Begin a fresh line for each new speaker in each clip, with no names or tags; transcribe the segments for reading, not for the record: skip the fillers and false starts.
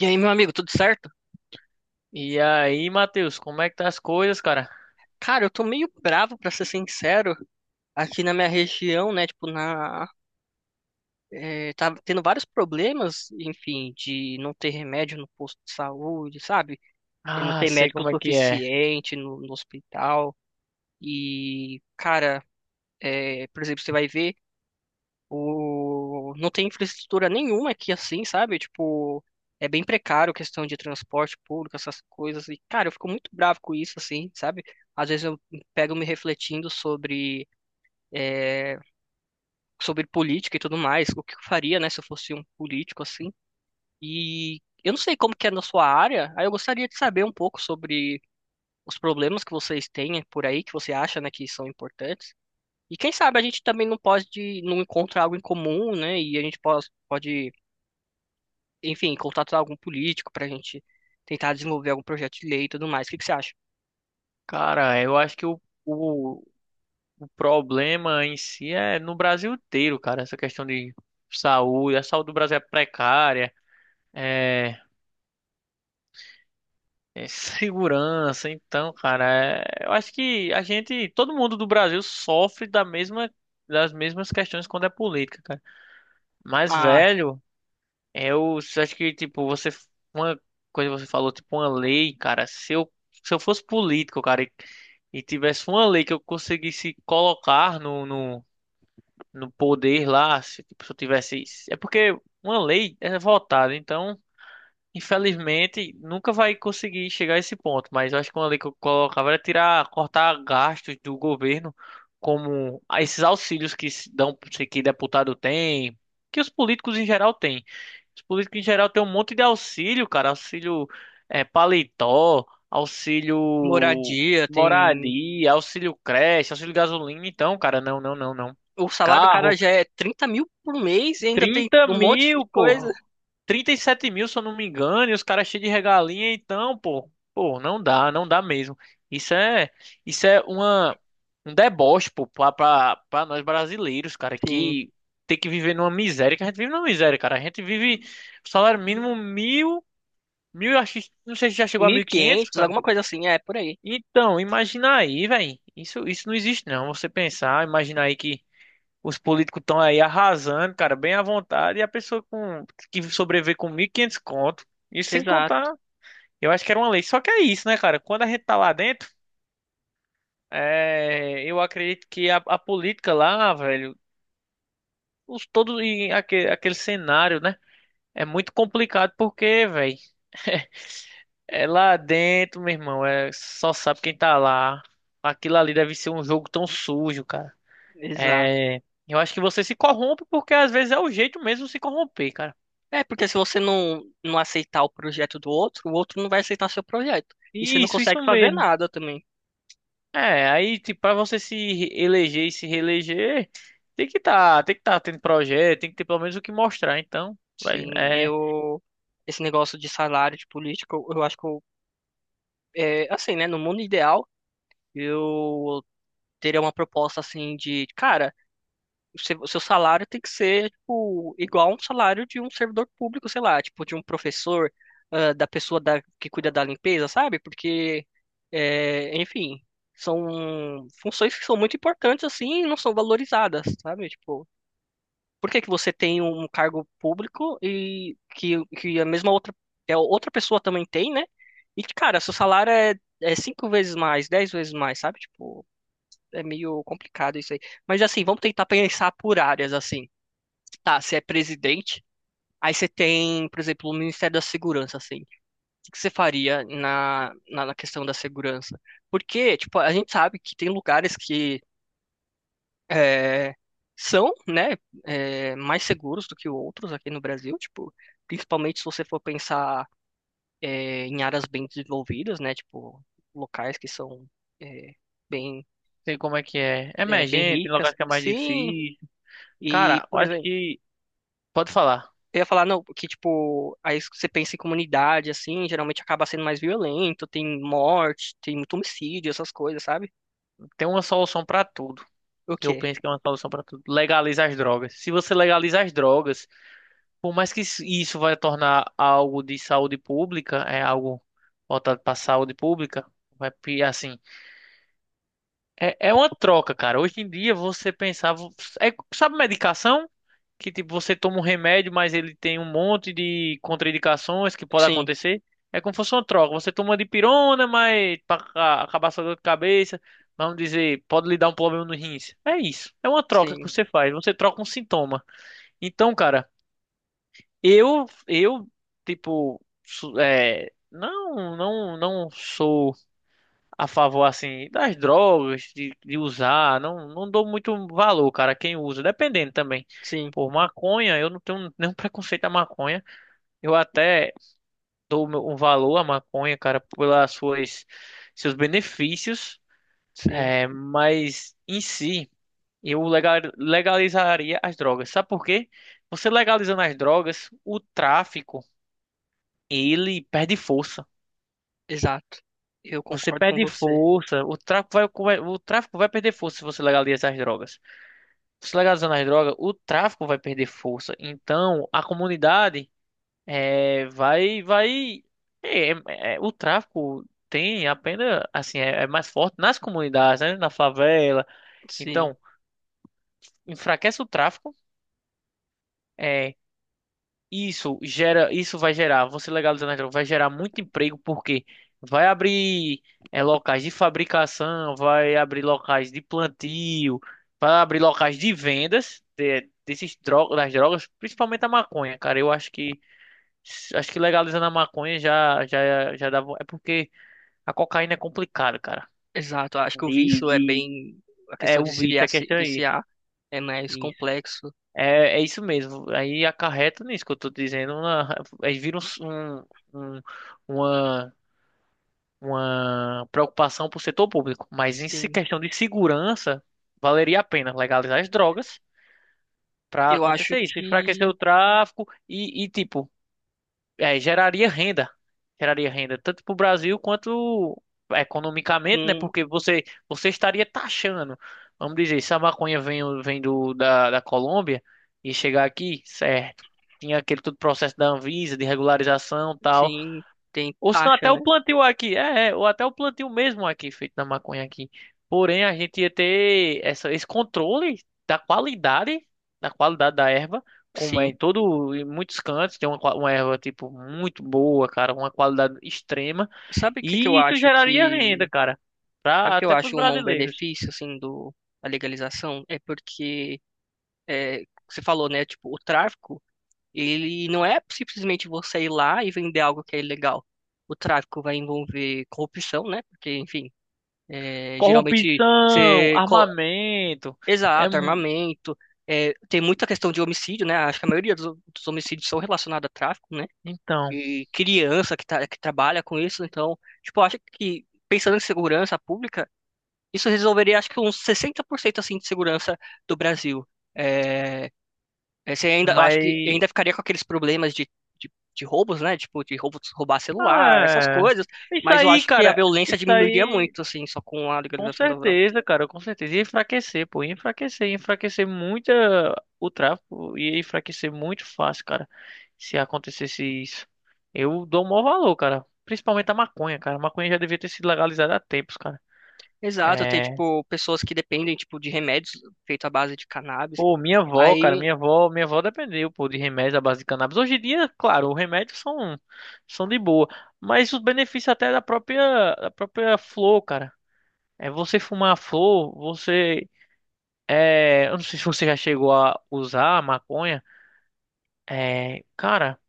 E aí, meu amigo, tudo certo?
E aí, Matheus, como é que tá as coisas, cara?
Cara, eu tô meio bravo, pra ser sincero, aqui na minha região, né? Tipo, tá tendo vários problemas, enfim, de não ter remédio no posto de saúde, sabe? E não
Ah,
ter
sei
médico
como é que é.
suficiente no hospital. E, cara, por exemplo, você vai ver. Não tem infraestrutura nenhuma aqui assim, sabe? Tipo, é bem precário a questão de transporte público, essas coisas. E, cara, eu fico muito bravo com isso, assim, sabe? Às vezes eu pego me refletindo sobre política e tudo mais, o que eu faria, né, se eu fosse um político, assim. E eu não sei como que é na sua área, aí eu gostaria de saber um pouco sobre os problemas que vocês têm por aí, que você acha, né, que são importantes. E quem sabe a gente também não pode, não encontra algo em comum, né? E a gente pode enfim, contatar algum político para a gente tentar desenvolver algum projeto de lei e tudo mais. O que que você acha?
Cara, eu acho que o, o problema em si é no Brasil inteiro, cara. Essa questão de saúde, a saúde do Brasil é precária, é, é segurança. Então, cara, eu acho que a gente, todo mundo do Brasil sofre das mesmas questões quando é política, cara. Mas,
A
velho. Eu acho que, tipo, você. Uma coisa que você falou, tipo, uma lei, cara. Se eu fosse político, cara, e tivesse uma lei que eu conseguisse colocar no poder lá, se, tipo, se eu tivesse. É porque uma lei é votada, então. Infelizmente, nunca vai conseguir chegar a esse ponto, mas eu acho que uma lei que eu colocava era tirar, cortar gastos do governo, como esses auxílios que se dão, que deputado tem, que os políticos em geral têm. Os políticos em geral têm um monte de auxílio, cara, auxílio paletó, auxílio
moradia tem.
moradia, auxílio creche, auxílio gasolina, então, cara, não, não, não, não.
O salário do cara
Carro,
já é 30 mil por mês e ainda tem
30
um monte de
mil,
coisa.
pô 37 mil, se eu não me engano, e os caras cheios de regalinha, então, pô, pô, não dá, não dá mesmo. Isso é, isso é um deboche, pô, pra nós brasileiros, cara,
Sim,
que tem que viver numa miséria, que a gente vive numa miséria, cara. A gente vive salário mínimo mil, eu acho, não sei se já chegou a
mil e
1.500,
quinhentos
cara.
alguma coisa assim, é por aí.
Então, imagina aí, velho. Isso não existe, não. Você pensar, imagina aí que os políticos estão aí arrasando, cara, bem à vontade, e a pessoa com que sobrevive com 1.500 conto, isso sem
Exato,
contar, eu acho que era uma lei. Só que é isso, né, cara? Quando a gente tá lá dentro, é, eu acredito que a política lá, velho, os todos e aquele, cenário, né? É muito complicado porque, velho, é lá dentro, meu irmão, é só sabe quem tá lá. Aquilo ali deve ser um jogo tão sujo, cara.
exato.
É, eu acho que você se corrompe porque às vezes é o jeito mesmo de se corromper, cara.
É, porque se você não aceitar o projeto do outro, o outro não vai aceitar seu projeto. E você não
Isso
consegue fazer
mesmo.
nada também.
É, aí, tipo, pra você se eleger e se reeleger, tem que tá tendo projeto, tem que ter pelo menos o que mostrar. Então, velho,
Sim,
é,
eu. Esse negócio de salário de político, eu acho que eu. É, assim, né? No mundo ideal, eu teria uma proposta assim de, cara, o seu salário tem que ser tipo, igual a um salário de um servidor público, sei lá, tipo de um professor, ah, da pessoa da, que cuida da limpeza, sabe? Porque, é, enfim, são funções que são muito importantes assim e não são valorizadas, sabe? Tipo, por que que você tem um cargo público e que a mesma outra, que a outra pessoa também tem, né? E, cara, seu salário é cinco vezes mais, 10 vezes mais, sabe? Tipo, é meio complicado isso aí. Mas assim, vamos tentar pensar por áreas, assim. Tá, você é presidente, aí você tem, por exemplo, o Ministério da Segurança, assim. O que você faria na questão da segurança? Porque, tipo, a gente sabe que tem lugares que é, são, né, é, mais seguros do que outros aqui no Brasil, tipo, principalmente se você for pensar é, em áreas bem desenvolvidas, né, tipo, locais que são é, bem,
sei como é que é. É
é, bem
emergente, tem
ricas.
locais que é mais
Sim,
difícil.
e,
Cara, eu
por
acho
exemplo,
que, pode falar,
eu ia falar, não, que tipo, aí você pensa em comunidade, assim, geralmente acaba sendo mais violento, tem morte, tem muito homicídio, essas coisas, sabe?
tem uma solução pra tudo.
O
Eu
quê?
penso que é uma solução pra tudo. Legaliza as drogas. Se você legaliza as drogas, por mais que isso vai tornar algo de saúde pública, é algo voltado pra saúde pública, vai, assim. É uma troca, cara. Hoje em dia você pensava. É, sabe medicação? Que tipo, você toma um remédio, mas ele tem um monte de contraindicações que pode
Sim,
acontecer. É como se fosse uma troca. Você toma uma dipirona, mas para acabar sua dor de cabeça, vamos dizer, pode lhe dar um problema no rins. É isso. É uma troca que
sim,
você faz. Você troca um sintoma. Então, cara, eu, eu, tipo, não, não, não sou a favor, assim, das drogas, de usar. Não, não dou muito valor, cara, quem usa. Dependendo também.
sim,
Por maconha, eu não tenho nenhum preconceito à maconha. Eu até dou um valor à maconha, cara, pelas seus benefícios.
sim,
É, mas em si, eu legalizaria as drogas. Sabe por quê? Você legalizando as drogas, o tráfico, ele perde força.
exato. Eu
Você
concordo com
perde
você.
força, o tráfico vai perder força se você legalizar as drogas. Se legalizando as drogas, o tráfico vai perder força. Então, a comunidade é, vai, vai, o tráfico tem apenas, assim, é mais forte nas comunidades, né? Na favela.
Sim,
Então, enfraquece o tráfico. eh, isso vai gerar, você legalizando as drogas, vai gerar muito emprego porque vai abrir locais de fabricação, vai abrir locais de plantio, vai abrir locais de vendas das drogas, principalmente a maconha, cara. Eu acho que legalizando a maconha já já já dá, é porque a cocaína é complicada, cara.
exato. Acho que o vício é
De
bem. A
é
questão
o
de se
vício,
via-
a
se
questão é
viciar é mais
isso.
complexo.
É isso mesmo. Aí acarreta nisso que eu tô dizendo. Aí vira um, uma, uma preocupação pro setor público. Mas em
Sim.
questão de segurança, valeria a pena legalizar as drogas pra
Eu acho
acontecer isso, enfraquecer
que
o tráfico e tipo geraria renda. Geraria renda tanto para o Brasil quanto economicamente, né?
com.
Porque você, você estaria taxando. Vamos dizer, se a maconha vem da Colômbia e chegar aqui, certo. Tinha aquele todo processo da Anvisa, de regularização e tal.
Sim, tem
Ou senão
taxa,
até o
né?
plantio aqui, ou até o plantio mesmo aqui, feito na maconha aqui. Porém, a gente ia ter essa, esse controle da qualidade, da qualidade da erva, como é
Sim.
em todo, em muitos cantos, tem uma, uma erva, tipo, muito boa, cara, uma qualidade extrema,
Sabe o que que eu
e isso
acho
geraria renda,
que.
cara,
Sabe o
pra,
que eu
até pros
acho um
brasileiros.
benefício, assim, do, da legalização? É porque, é, você falou, né, tipo, o tráfico, ele não é simplesmente você ir lá e vender algo que é ilegal. O tráfico vai envolver corrupção, né? Porque, enfim, é, geralmente
Corrupção,
você... co-
armamento, é,
Exato,
mu-
armamento. É, tem muita questão de homicídio, né? Acho que a maioria dos homicídios são relacionados a tráfico, né?
então,
E criança que, tá, que trabalha com isso. Então, tipo, eu acho que pensando em segurança pública, isso resolveria, acho que uns 60% assim de segurança do Brasil. É, é, você ainda, eu acho que
mas,
ainda ficaria com aqueles problemas de roubos, né? Tipo, de roubos, roubar celular, essas
é,
coisas.
isso
Mas eu
aí,
acho que a
cara,
violência
isso
diminuiria
aí...
muito, assim, só com a
Com
legalização da droga.
certeza, cara, com certeza. Ia enfraquecer, pô. Ia enfraquecer muito o tráfico. Ia enfraquecer muito fácil, cara. Se acontecesse isso. Eu dou o maior valor, cara. Principalmente a maconha, cara. A maconha já devia ter sido legalizada há tempos, cara.
Exato, tem,
É.
tipo, pessoas que dependem, tipo, de remédios feitos à base de cannabis.
Pô, minha avó, cara.
Aí,
Minha avó dependeu, pô, de remédios à base de cannabis. Hoje em dia, claro, os remédios são de boa. Mas os benefícios até da própria flor, cara. É você fumar a flor, você. É, eu não sei se você já chegou a usar a maconha. É, cara,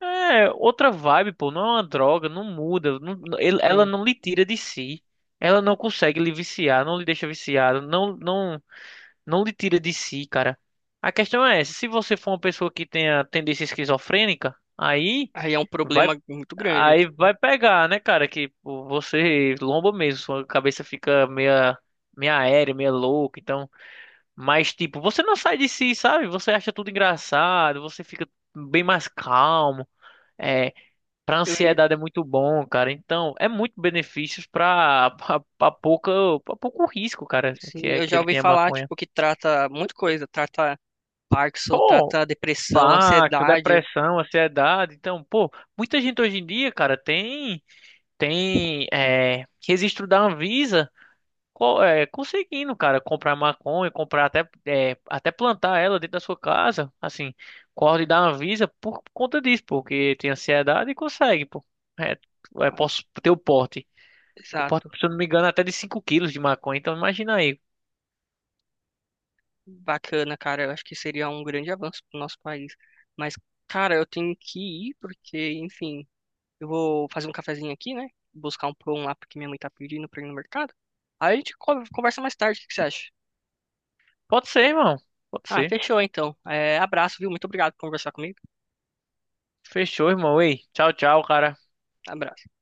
é outra vibe, pô. Não é uma droga, não muda. Ela
sim,
não lhe tira de si. Ela não consegue lhe viciar, não lhe deixa viciado, não, não, não lhe tira de si, cara. A questão é essa, se você for uma pessoa que tenha tendência esquizofrênica,
aí é um
vai,
problema muito grande.
aí
Tipo,
vai pegar, né, cara? Que pô, você lomba mesmo, sua cabeça fica meia, meia aérea, meia louca, então. Mas, tipo, você não sai de si, sabe? Você acha tudo engraçado, você fica bem mais calmo. É, pra
eu,
ansiedade é muito bom, cara. Então, é muito benefícios pra pouco risco, cara,
sim, eu
que
já
ele
ouvi
tem a
falar,
maconha.
tipo, que trata muita coisa. Trata Parkinson,
Pô,
trata depressão,
pacto,
ansiedade.
depressão, ansiedade. Então, pô, muita gente hoje em dia, cara, tem, registro da Anvisa. Conseguindo, cara, comprar maconha, comprar até plantar ela dentro da sua casa, assim, corre da Anvisa por conta disso, porque tem ansiedade e consegue, pô. É, posso ter o porte. O porte,
Exato.
se eu não me engano, é até de 5 quilos de maconha, então imagina aí.
Bacana, cara. Eu acho que seria um grande avanço para o nosso país. Mas, cara, eu tenho que ir porque, enfim, eu vou fazer um cafezinho aqui, né? Buscar um pão lá porque minha mãe tá pedindo pra ir no mercado. Aí a gente conversa mais tarde, o que que você acha?
Pode ser, irmão. Pode
Ah,
ser.
fechou então. É, abraço, viu? Muito obrigado por conversar comigo.
Fechou, irmão. Ei, tchau, tchau, cara.
Abraço.